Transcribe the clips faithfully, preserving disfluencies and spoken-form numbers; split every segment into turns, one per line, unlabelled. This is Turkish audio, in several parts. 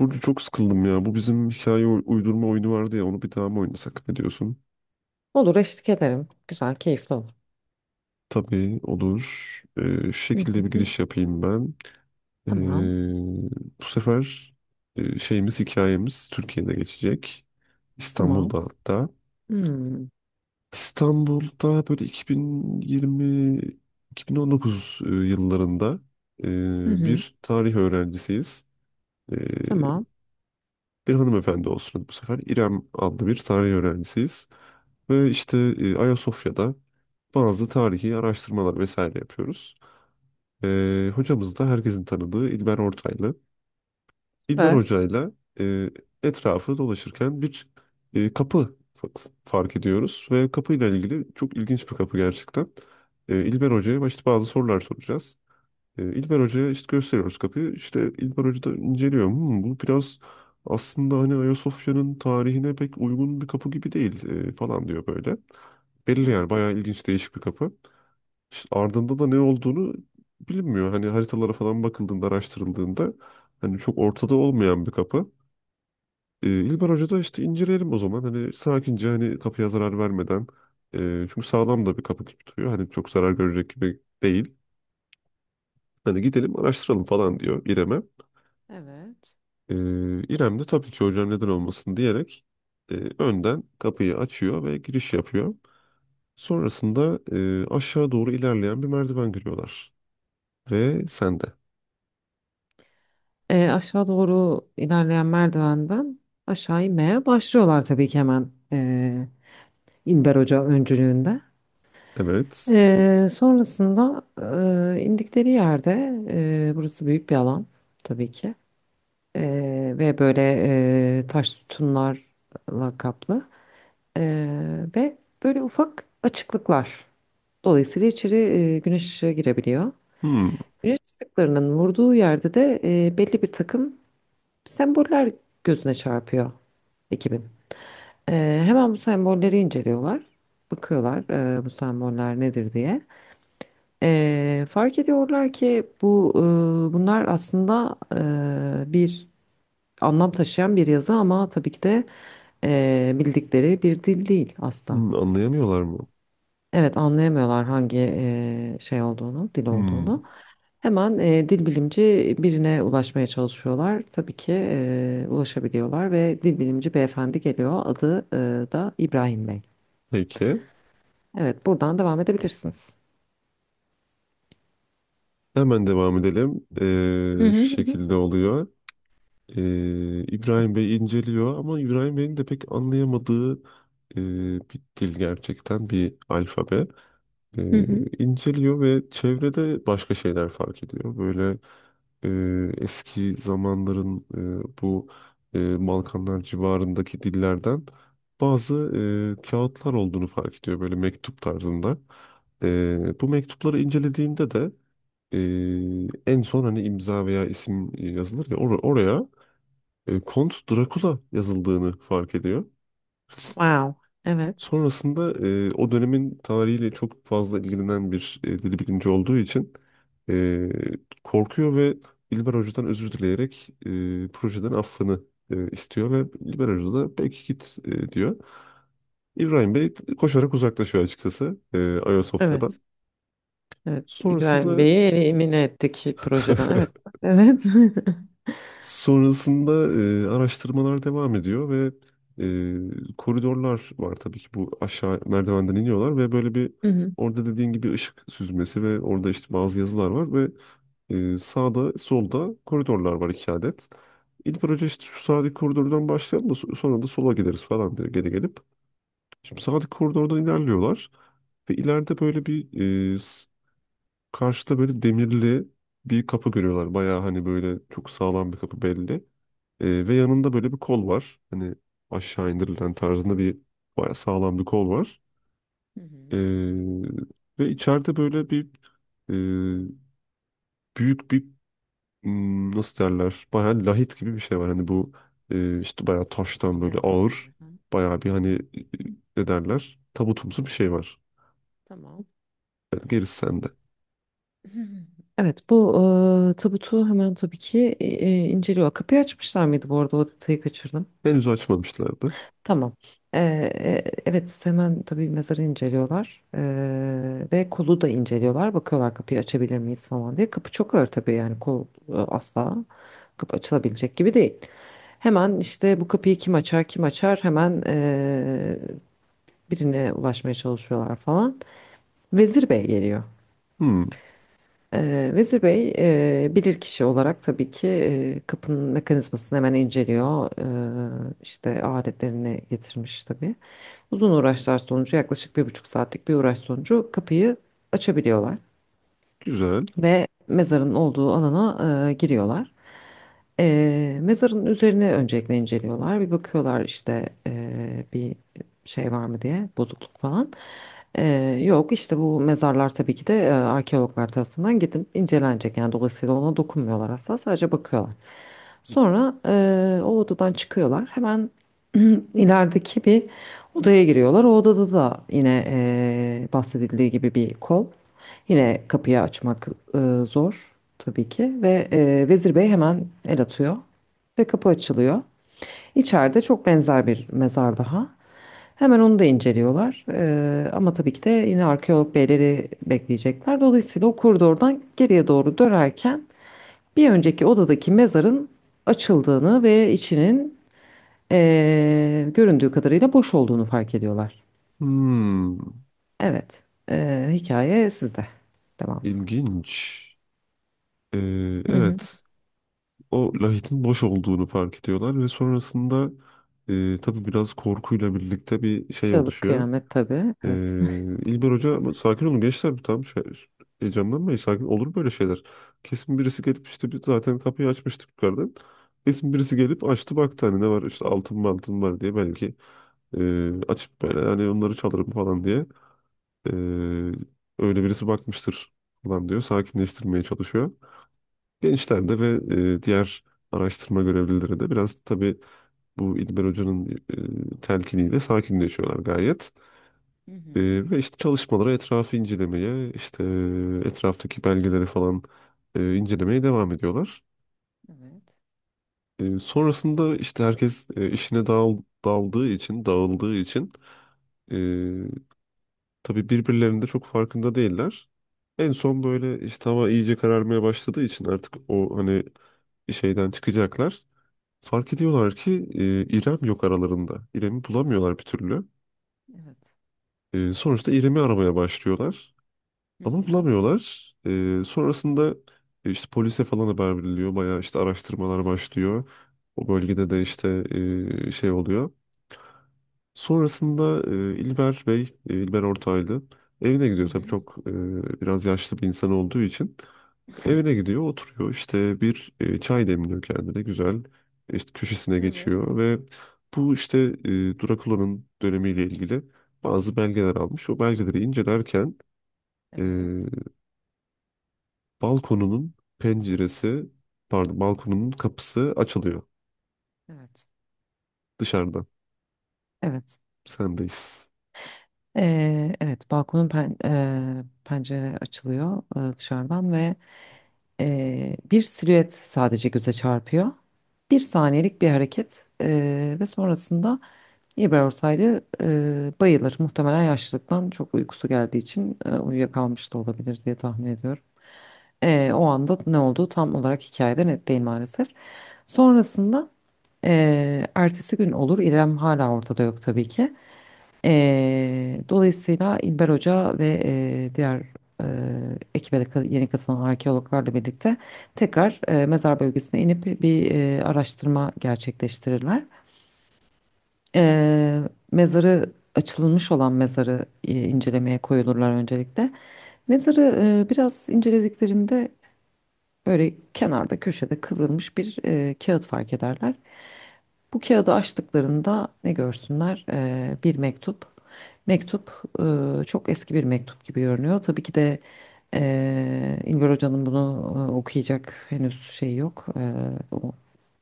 Burcu çok sıkıldım ya. Bu bizim hikaye uy- uydurma oyunu vardı ya. Onu bir daha mı oynasak? Ne diyorsun?
Olur eşlik ederim. Güzel, keyifli olur.
Tabii olur. Ee, şu
Hı hı
şekilde bir
hı.
giriş yapayım ben. Ee,
Tamam.
bu sefer e, şeyimiz hikayemiz Türkiye'de geçecek.
Tamam.
İstanbul'da hatta.
Hmm.
İstanbul'da böyle iki bin yirmi iki bin on dokuz e, yıllarında
Hı
e,
hı.
bir tarih öğrencisiyiz. E,
Tamam.
bir hanımefendi olsun bu sefer. İrem adlı bir tarih öğrencisiyiz. Ve işte e, Ayasofya'da bazı tarihi araştırmalar vesaire yapıyoruz. E, hocamız da herkesin tanıdığı İlber Ortaylı. İlber
Ver.
Hoca'yla e, etrafı dolaşırken bir e, kapı fa- fark ediyoruz. Ve kapıyla ilgili çok ilginç bir kapı gerçekten. E, İlber Hoca'ya başta bazı sorular soracağız. E, İlber Hoca'ya işte gösteriyoruz kapıyı. İşte İlber Hoca da inceliyor. Hmm, bu biraz aslında hani Ayasofya'nın tarihine pek uygun bir kapı gibi değil e, falan diyor böyle.
Hı
Belli
hı.
yani bayağı ilginç değişik bir kapı. İşte ardında da ne olduğunu bilinmiyor. Hani haritalara falan bakıldığında araştırıldığında hani çok ortada olmayan bir kapı. E, İlber Hoca da işte inceleyelim o zaman. Hani sakince hani kapıya zarar vermeden, e, çünkü sağlam da bir kapı gibi duruyor. Hani çok zarar görecek gibi değil. Hani gidelim araştıralım falan diyor İrem'e.
Evet.
Ee, İrem de tabii ki hocam neden olmasın diyerek e, önden kapıyı açıyor ve giriş yapıyor. Sonrasında e, aşağı doğru ilerleyen bir merdiven görüyorlar. Ve sen de.
Ee, aşağı doğru ilerleyen merdivenden aşağı inmeye başlıyorlar tabii ki hemen ee, İlber Hoca öncülüğünde.
Evet.
Ee, sonrasında ee, indikleri yerde ee, burası büyük bir alan tabii ki. Ee, ve böyle ee, taş sütunlarla kaplı. Ee, ve böyle ufak açıklıklar. Dolayısıyla içeri e, güneş ışığı girebiliyor.
Hmm.
Güneş ışıklarının vurduğu yerde de e, belli bir takım semboller gözüne çarpıyor ekibin. Ee, hemen bu sembolleri inceliyorlar. Bakıyorlar e, bu semboller nedir diye. Ee, fark ediyorlar ki bu e, bunlar aslında e, bir anlam taşıyan bir yazı ama tabii ki de e, bildikleri bir dil değil asla.
Hmm, anlayamıyorlar mı?
Evet, anlayamıyorlar hangi eee, şey olduğunu, dil
Hmm.
olduğunu. Hemen eee, dil bilimci birine ulaşmaya çalışıyorlar. Tabii ki eee, ulaşabiliyorlar ve dil bilimci beyefendi geliyor. Adı eee, da İbrahim Bey.
Peki.
Evet, buradan devam edebilirsiniz.
Hemen devam edelim.
Hı
Ee,
hı
şu
hı hı.
şekilde oluyor. Ee, İbrahim Bey inceliyor ama İbrahim Bey'in de pek anlayamadığı e, bir dil gerçekten, bir alfabe. E,
Hı hı.
inceliyor ve çevrede başka şeyler fark ediyor. Böyle e, eski zamanların e, bu e, Balkanlar civarındaki dillerden bazı e, kağıtlar olduğunu fark ediyor. Böyle mektup tarzında. E, bu mektupları incelediğinde de e, en son hani imza veya isim yazılır ya or- oraya e, Kont Drakula yazıldığını fark ediyor.
Wow. Evet.
Sonrasında e, o dönemin tarihiyle çok fazla ilgilenen bir e, dil bilimci olduğu için e, korkuyor ve İlber Hoca'dan özür dileyerek e, projeden affını e, istiyor ve İlber Hoca da peki git e, diyor. İbrahim Bey koşarak uzaklaşıyor açıkçası e, Ayasofya'dan.
Evet. Evet. İbrahim
Sonrasında
Bey'i elimine ettik projeden. Evet. Evet.
sonrasında e, araştırmalar devam ediyor ve e, koridorlar var tabii ki, bu aşağı merdivenden iniyorlar ve böyle bir,
Hı hı.
orada dediğin gibi ışık süzmesi ve orada işte bazı yazılar var ve e, sağda solda koridorlar var iki adet. İlk önce işte şu sağdaki koridordan başlayalım da so- sonra da sola gideriz falan diyor geri gelip. Şimdi sağdaki koridordan ilerliyorlar ve ileride böyle bir e, s- karşıda böyle demirli bir kapı görüyorlar. Bayağı hani böyle çok sağlam bir kapı belli. Ee, ve yanında böyle bir kol var. Hani aşağı indirilen tarzında bir, bayağı sağlam bir kol var.
Hı hı.
Ee, ve içeride böyle bir e, büyük bir, hmm, nasıl derler bayağı lahit gibi bir şey var. Hani bu e, işte bayağı taştan böyle
Mezar
ağır,
gibi. Ha.
bayağı bir hani e, ne derler tabutumsu bir şey var.
Tamam.
Yani gerisi sende.
Evet, bu e, tabutu hemen tabii ki e, inceliyor. Kapıyı açmışlar mıydı bu arada? O detayı kaçırdım.
Henüz açmamışlardı.
Tamam. E, e, evet, hemen tabii mezarı inceliyorlar. E, ve kolu da inceliyorlar. Bakıyorlar kapıyı açabilir miyiz falan diye. Kapı çok ağır tabii yani kol e, asla kapı açılabilecek gibi değil. Hemen işte bu kapıyı kim açar kim açar hemen e, birine ulaşmaya çalışıyorlar falan. Vezir Bey geliyor.
Hmm,
Ee, Vezir Bey e, bilir kişi olarak tabii ki e, kapının mekanizmasını hemen inceliyor. Ee, işte aletlerini getirmiş tabii. Uzun uğraşlar sonucu yaklaşık bir buçuk saatlik bir uğraş sonucu kapıyı açabiliyorlar
güzel.
ve mezarın olduğu alana e, giriyorlar. E, mezarın üzerine öncelikle inceliyorlar. Bir bakıyorlar işte e, bir şey var mı diye bozukluk falan. E, Yok işte bu mezarlar tabii ki de e, arkeologlar tarafından gidip incelenecek. Yani dolayısıyla ona dokunmuyorlar asla sadece bakıyorlar. Sonra e, o odadan çıkıyorlar. Hemen ilerideki bir odaya giriyorlar. O odada da yine e, bahsedildiği gibi bir kol. Yine kapıyı açmak e, zor tabii ki ve e, Vezir Bey hemen el atıyor ve kapı açılıyor. İçeride çok benzer bir mezar daha. Hemen onu da inceliyorlar. E, ama tabii ki de yine arkeolog beyleri bekleyecekler. Dolayısıyla o koridordan geriye doğru dönerken bir önceki odadaki mezarın açıldığını ve içinin e, göründüğü kadarıyla boş olduğunu fark ediyorlar.
Hmm,
Evet, e, hikaye sizde. Devam.
ilginç. Ee,
Hı hı.
evet. O lahitin boş olduğunu fark ediyorlar ve sonrasında e, tabii biraz korkuyla birlikte bir şey
Çığlık
oluşuyor.
kıyamet tabii.
E,
Evet.
İlber Hoca ama sakin olun gençler, tam şey, heyecanlanmayın, sakin olur böyle şeyler. Kesin birisi gelip, işte biz zaten kapıyı açmıştık yukarıdan. Kesin birisi gelip açtı baktı hani ne var işte, altın mı altın var diye belki e, açıp böyle hani onları çalarım falan diye e, öyle birisi bakmıştır falan diyor, sakinleştirmeye çalışıyor. Gençlerde ve e, diğer araştırma görevlileri de biraz tabii bu İlber Hoca'nın e, telkiniyle sakinleşiyorlar gayet.
Hı
E,
hı.
ve işte çalışmalara, etrafı incelemeye, işte e, etraftaki belgeleri falan e, incelemeye devam ediyorlar.
Evet.
E, sonrasında işte herkes e, işine dağıl, daldığı için, dağıldığı için e, tabii birbirlerinin de çok farkında değiller. En son böyle işte hava iyice kararmaya başladığı için artık o hani şeyden çıkacaklar. Fark ediyorlar ki e, İrem yok aralarında. İrem'i bulamıyorlar bir türlü.
Evet.
E, sonuçta İrem'i aramaya başlıyorlar.
Hı
Ama
hı.
bulamıyorlar. E, sonrasında e, işte polise falan haber veriliyor. Bayağı işte araştırmalar başlıyor. O
Hı hı.
bölgede de işte e, şey oluyor. Sonrasında e, İlber Bey, e, İlber Ortaylı evine
Hı
gidiyor. Tabii
hı.
çok e, biraz yaşlı bir insan olduğu için. Evine gidiyor, oturuyor. İşte bir e, çay demliyor kendine güzel. İşte köşesine
Evet.
geçiyor ve bu işte e, Drakula'nın dönemiyle ilgili bazı belgeler almış. O belgeleri incelerken e,
Evet.
balkonunun penceresi, pardon, balkonunun kapısı açılıyor
Evet.
dışarıdan.
Evet.
Sendeyiz.
Ee, evet. Balkonun pen, e, pencere açılıyor e, dışarıdan ve e, bir silüet sadece göze çarpıyor. Bir saniyelik bir hareket e, ve sonrasında İbrahim Ortaylı e, bayılır. Muhtemelen yaşlılıktan çok uykusu geldiği için e, uyuyakalmış da olabilir diye tahmin ediyorum. Ee, o anda ne olduğu tam olarak hikayede net değil maalesef. Sonrasında ee, ertesi gün olur. İrem hala ortada yok tabii ki. Ee, dolayısıyla İlber Hoca ve ee, diğer ee, ekibe de ka- yeni katılan arkeologlarla birlikte tekrar ee, mezar bölgesine inip bir ee, araştırma gerçekleştirirler. Ee, mezarı Açılmış olan mezarı ee, incelemeye koyulurlar öncelikle. Mezarı e, biraz incelediklerinde böyle kenarda köşede kıvrılmış bir e, kağıt fark ederler. Bu kağıdı açtıklarında ne görsünler? E, bir mektup. Mektup e, çok eski bir mektup gibi görünüyor. Tabii ki de e, İlber Hoca'nın bunu e, okuyacak henüz şey yok. E, o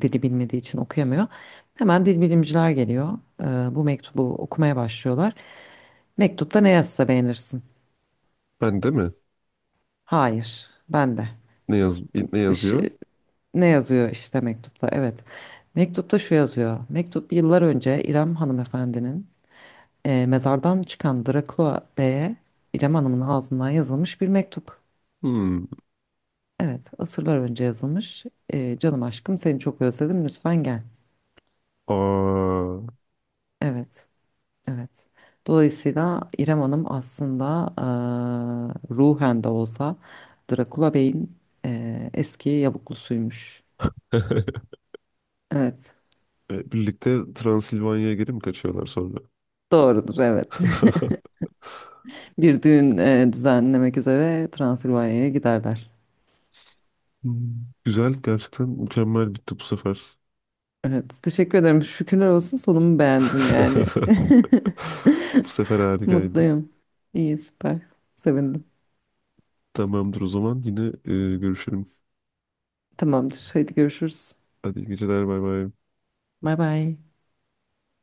dili bilmediği için okuyamıyor. Hemen dil bilimciler geliyor. E, bu mektubu okumaya başlıyorlar. Mektupta ne yazsa beğenirsin?
Ben de mi?
Hayır, ben de.
Ne yaz ne yazıyor?
Ne yazıyor işte mektupta? Evet. Mektupta şu yazıyor. Mektup yıllar önce İrem hanımefendinin e, mezardan çıkan Drakula Bey'e İrem Hanım'ın ağzından yazılmış bir mektup.
Hmm.
Evet, asırlar önce yazılmış. E, canım aşkım seni çok özledim lütfen gel.
Aa.
Evet, evet. Dolayısıyla İrem Hanım aslında e, ruhen de olsa Drakula Bey'in e, eski yavuklusuymuş. Evet,
E, birlikte Transilvanya'ya geri mi kaçıyorlar sonra?
doğrudur evet. Bir düğün e, düzenlemek üzere Transilvanya'ya giderler.
Hmm, güzel. Gerçekten mükemmel bitti bu sefer.
Evet, teşekkür ederim. Şükürler olsun sonumu beğendin yani.
Bu sefer harikaydı.
Mutluyum. İyi, süper. Sevindim.
Tamamdır, o zaman yine e, görüşelim.
Tamamdır. Hadi görüşürüz.
Hadi iyi geceler, bay bay.
Bay bay.